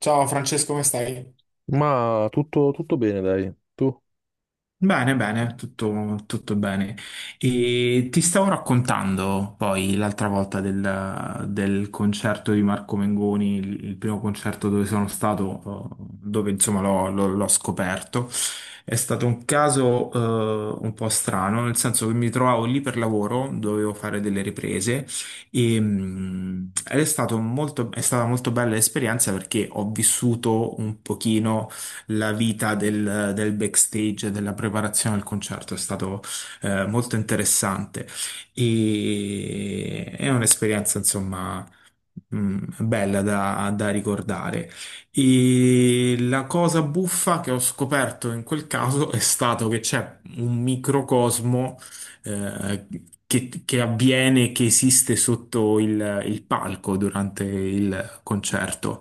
Ciao Francesco, come stai? Ma tutto bene, dai. Tu? Bene, bene, tutto bene. E ti stavo raccontando poi l'altra volta del concerto di Marco Mengoni, il primo concerto dove sono stato, dove insomma l'ho scoperto. È stato un caso, un po' strano, nel senso che mi trovavo lì per lavoro, dovevo fare delle riprese ed è stato è stata molto bella l'esperienza perché ho vissuto un pochino la vita del backstage, della preparazione al concerto, è stato molto interessante e è un'esperienza, insomma, mm, bella da ricordare. E la cosa buffa che ho scoperto in quel caso è stato che c'è un microcosmo eh, che avviene, che esiste sotto il palco durante il concerto.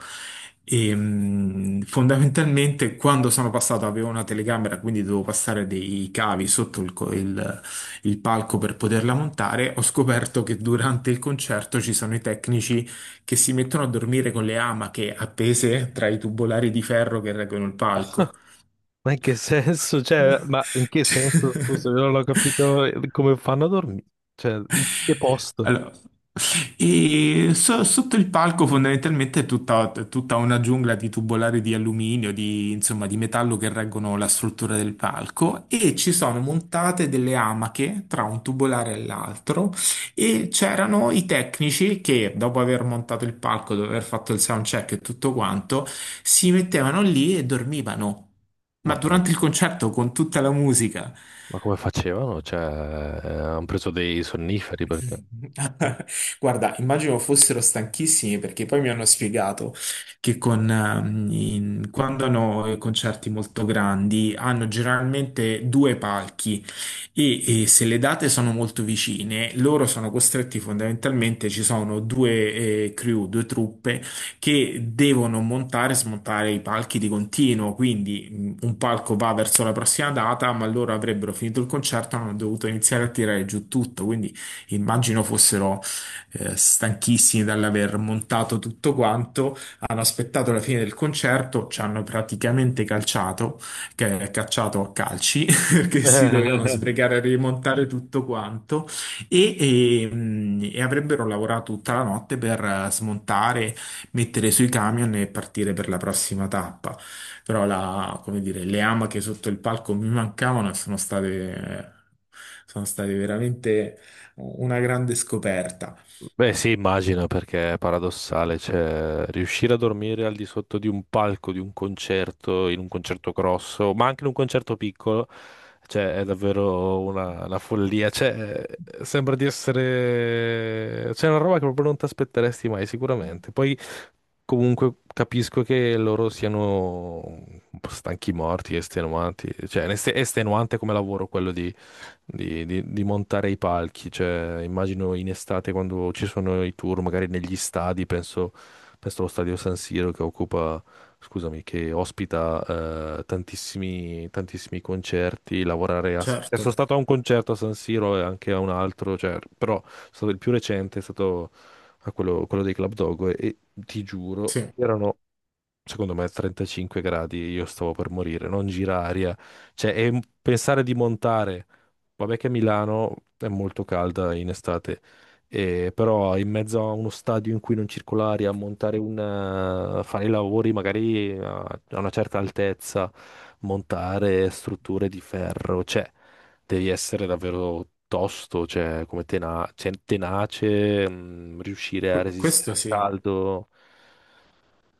Fondamentalmente, quando sono passato, avevo una telecamera, quindi dovevo passare dei cavi sotto il palco per poterla montare. Ho scoperto che durante il concerto ci sono i tecnici che si mettono a dormire con le amache appese tra i tubolari di ferro che reggono il palco. Ma in che senso? Cioè, ma in che senso? Scusa, Cioè, io non ho capito come fanno a dormire. Cioè, in che posto? allora, sotto il palco fondamentalmente è tutta una giungla di tubolari di alluminio, di, insomma, di metallo che reggono la struttura del palco e ci sono montate delle amache tra un tubolare e l'altro e c'erano i tecnici che dopo aver montato il palco, dopo aver fatto il sound check e tutto quanto, si mettevano lì e dormivano. Ma Ma, durante penso. il concerto con tutta la musica. Ma come facevano? Cioè, hanno preso dei sonniferi perché? Guarda, immagino fossero stanchissimi perché poi mi hanno spiegato che quando hanno concerti molto grandi hanno generalmente due palchi e se le date sono molto vicine, loro sono costretti fondamentalmente, ci sono due crew, due truppe che devono montare e smontare i palchi di continuo, quindi un palco va verso la prossima data, ma loro avrebbero finito il concerto e hanno dovuto iniziare a tirare giù tutto, quindi immagino fossero stanchissimi dall'aver montato tutto quanto, hanno aspettato la fine del concerto, ci hanno praticamente calciato, che è cacciato a calci perché si dovevano sbrigare a rimontare tutto quanto e avrebbero lavorato tutta la notte per smontare, mettere sui camion e partire per la prossima tappa. Però come dire, le amache sotto il palco mi mancavano e sono state veramente una grande scoperta. Beh, sì, immagino perché è paradossale, cioè riuscire a dormire al di sotto di un palco, di un concerto, in un concerto grosso, ma anche in un concerto piccolo, cioè è davvero una follia, cioè sembra di essere c'è una roba che proprio non ti aspetteresti mai sicuramente. Poi comunque capisco che loro siano un po' stanchi morti, estenuanti, cioè è estenuante come lavoro quello di montare i palchi. Cioè, immagino in estate quando ci sono i tour, magari negli stadi, penso allo stadio San Siro che che ospita tantissimi, tantissimi concerti. Lavorare a, cioè, Certo, sono stato a un concerto a San Siro e anche a un altro, cioè, però sono stato il più recente è stato a quello dei Club Dogo e ti giuro, sì, c'erano secondo me a 35 gradi, io stavo per morire, non gira aria. Cioè, pensare di montare, vabbè che Milano è molto calda in estate, e però in mezzo a uno stadio in cui non circola aria, montare un, fare i lavori magari a una certa altezza, montare strutture di ferro, cioè, devi essere davvero tosto, cioè, tenace, mm, riuscire a resistere questo al sì. caldo.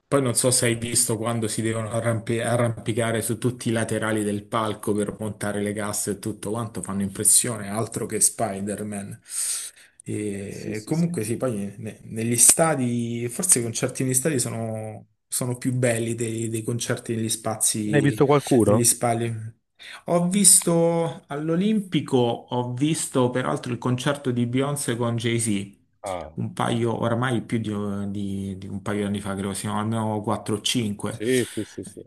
Poi non so se hai visto quando si devono arrampicare su tutti i laterali del palco per montare le casse e tutto quanto, fanno impressione, altro che Spider-Man. Sì, E sì, sì. comunque sì, poi negli stadi, forse i concerti negli stadi sono più belli dei concerti negli Ne hai spazi, visto negli qualcuno? spazi. Ho visto all'Olimpico, ho visto peraltro il concerto di Beyoncé con Jay-Z, Ah, un paio, oramai più di, di un paio di anni fa, credo, siamo almeno 4 o 5. sì, sì, sì, sì.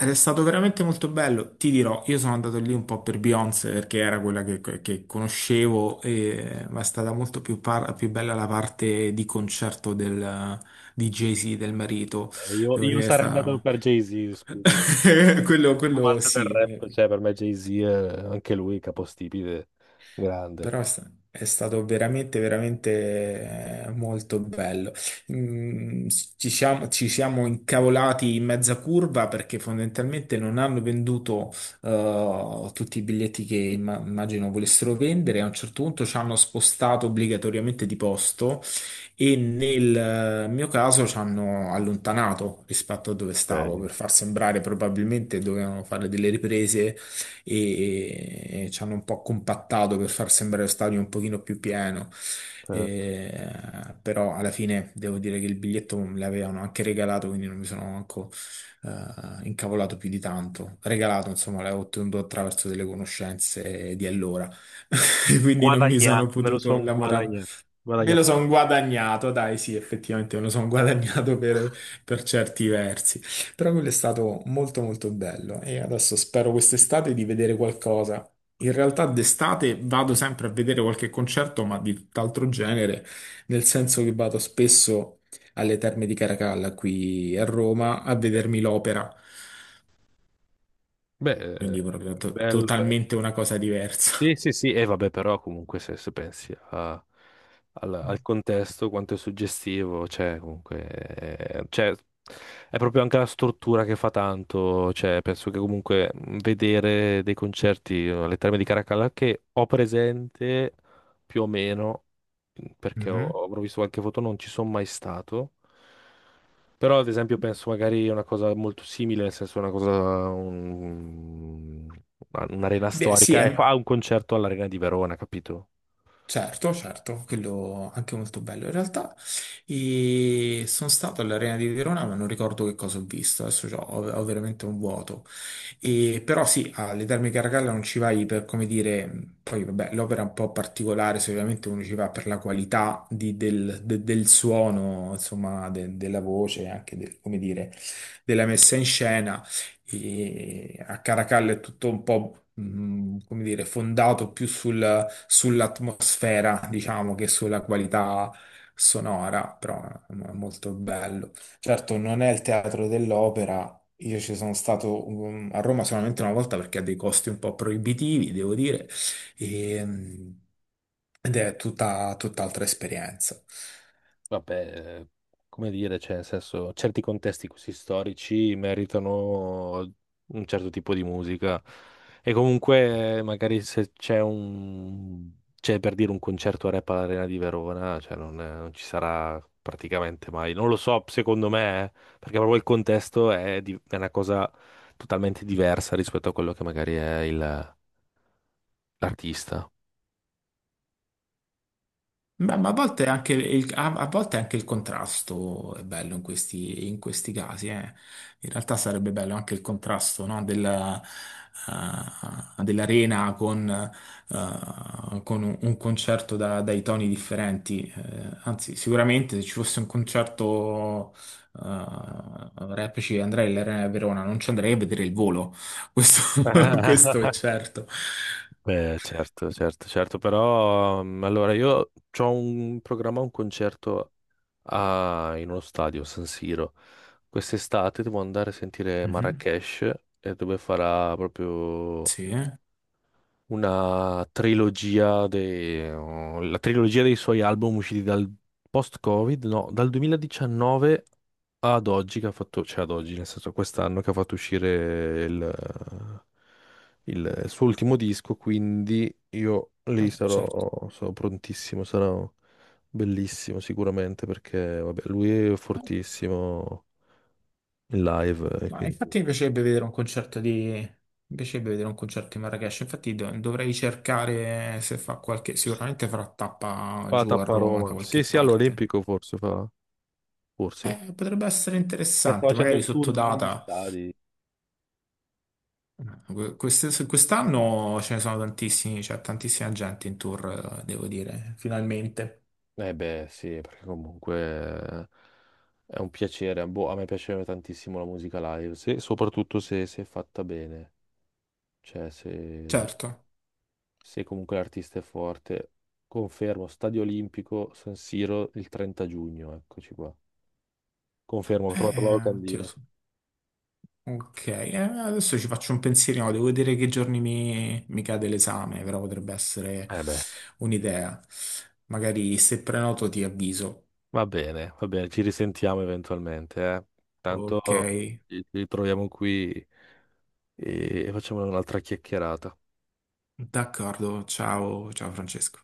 Ed è stato veramente molto bello. Ti dirò, io sono andato lì un po' per Beyoncé perché era quella che conoscevo, e- ma è stata molto più, più bella la parte di concerto di Jay-Z, del marito. Io, Devo io dire che è sarei andato stata... per Jay-Z, scusa, perché quello amante del rap, sì. cioè per me Jay-Z è anche lui capostipite, grande. Però è stato veramente, veramente molto bello. Mm, ci siamo incavolati in mezza curva perché fondamentalmente non hanno venduto tutti i biglietti che immagino volessero vendere. A un certo punto ci hanno spostato obbligatoriamente di posto e nel mio caso ci hanno allontanato rispetto a dove stavo per Ok. far sembrare probabilmente dovevano fare delle riprese e ci hanno un po' compattato per far sembrare lo stadio un pochino più pieno. Eh, E- Però alla fine devo dire che il biglietto me l'avevano anche regalato, quindi non mi sono manco incavolato più di tanto. Regalato, insomma, l'avevo ottenuto attraverso delle conoscenze di allora, quindi non mi sono guadagnato, me lo potuto sono innamorare. guadagnato. Me lo Guadagnato sono quello. guadagnato, dai, sì, effettivamente me lo sono guadagnato per certi versi, però quello è stato molto molto bello e adesso spero quest'estate di vedere qualcosa. In realtà d'estate vado sempre a vedere qualche concerto, ma di tutt'altro genere, nel senso che vado spesso alle Terme di Caracalla qui a Roma a Ok. vedermi l'opera, Beh, quindi proprio bello, bello. totalmente una cosa Sì, diversa. sì, sì, e vabbè, però comunque se pensi a al contesto, quanto è suggestivo, cioè, comunque, cioè, è proprio anche la struttura che fa tanto, cioè, penso che comunque vedere dei concerti alle Terme di Caracalla che ho presente più o meno, perché Mhm. ho visto qualche foto, non ci sono mai stato, però, ad esempio, penso magari a una cosa molto simile, nel senso una cosa, un- un'arena Beh, sì, storica è e fa un concerto all'Arena di Verona, capito? certo, certo, quello anche molto bello in realtà. E sono stato all'Arena di Verona, ma non ricordo che cosa ho visto, adesso ho, ho veramente un vuoto. E, però sì, alle Terme Caracalla non ci vai per, come dire, poi vabbè, l'opera è un po' particolare, se ovviamente uno ci va per la qualità del suono, insomma, della voce, anche come dire, della messa in scena. E a Caracalla è tutto un po', come dire, fondato più sull'atmosfera, diciamo, che sulla qualità sonora, però è molto bello. Certo, non è il teatro dell'opera, io ci sono stato a Roma solamente una volta perché ha dei costi un po' proibitivi, devo dire, e, mm, ed è tutta, tutt'altra esperienza. Vabbè, come dire, cioè, nel senso, certi contesti così storici meritano un certo tipo di musica. E comunque, magari se c'è un, c'è per dire un concerto rap all'Arena di Verona, cioè non, non ci sarà praticamente mai. Non lo so, secondo me, perché proprio il contesto è, è una cosa totalmente diversa rispetto a quello che magari è l'artista. Ma a volte anche a volte anche il contrasto è bello in questi casi, eh. In realtà sarebbe bello anche il contrasto, no, della, dell'arena con un concerto dai toni differenti. Anzi, sicuramente se ci fosse un concerto rap ci andrei all'Arena di Verona, non ci andrei a vedere il volo. Questo, questo è certo. Beh, certo, certo, certo, però mm, allora io ho un programma, un concerto in uno stadio, San Siro. Quest'estate devo andare a sentire Mhm. Marrakesh e dove farà proprio Sì, una trilogia la trilogia dei suoi album usciti dal post-Covid, no, dal 2019 ad oggi che ha fatto, cioè ad oggi, nel senso quest'anno che ha fatto uscire il suo ultimo disco, quindi io lì certo. sarò, sarò prontissimo, sarà bellissimo sicuramente perché vabbè, lui è fortissimo in live e Ma quindi infatti mi piacerebbe vedere un concerto di... mi piacerebbe vedere un concerto di Marrakesh, infatti dovrei cercare se fa qualche... sicuramente farà tappa fa giù a tappa a Roma da Roma. Sì, qualche sì, parte. all'Olimpico forse fa, forse. Potrebbe essere Che sta interessante, facendo magari il sotto tour degli data. stadi. Quest'anno ce ne sono tantissimi, c'è tantissima gente in tour, devo dire, finalmente. Eh beh, sì, perché comunque è un piacere. Boh, a me piace tantissimo la musica live, soprattutto se è fatta bene. Cioè, Certo. se comunque l'artista è forte. Confermo, Stadio Olimpico, San Siro, il 30 giugno, eccoci qua. Confermo, ho trovato la oddio, locandina. Ok, adesso ci faccio un pensierino, devo vedere che giorni mi cade l'esame, però potrebbe essere Eh beh, un'idea. Magari se prenoto ti avviso. Va bene, ci risentiamo eventualmente, eh. Ok, Tanto ci ritroviamo qui e facciamo un'altra chiacchierata. d'accordo, ciao, ciao Francesco.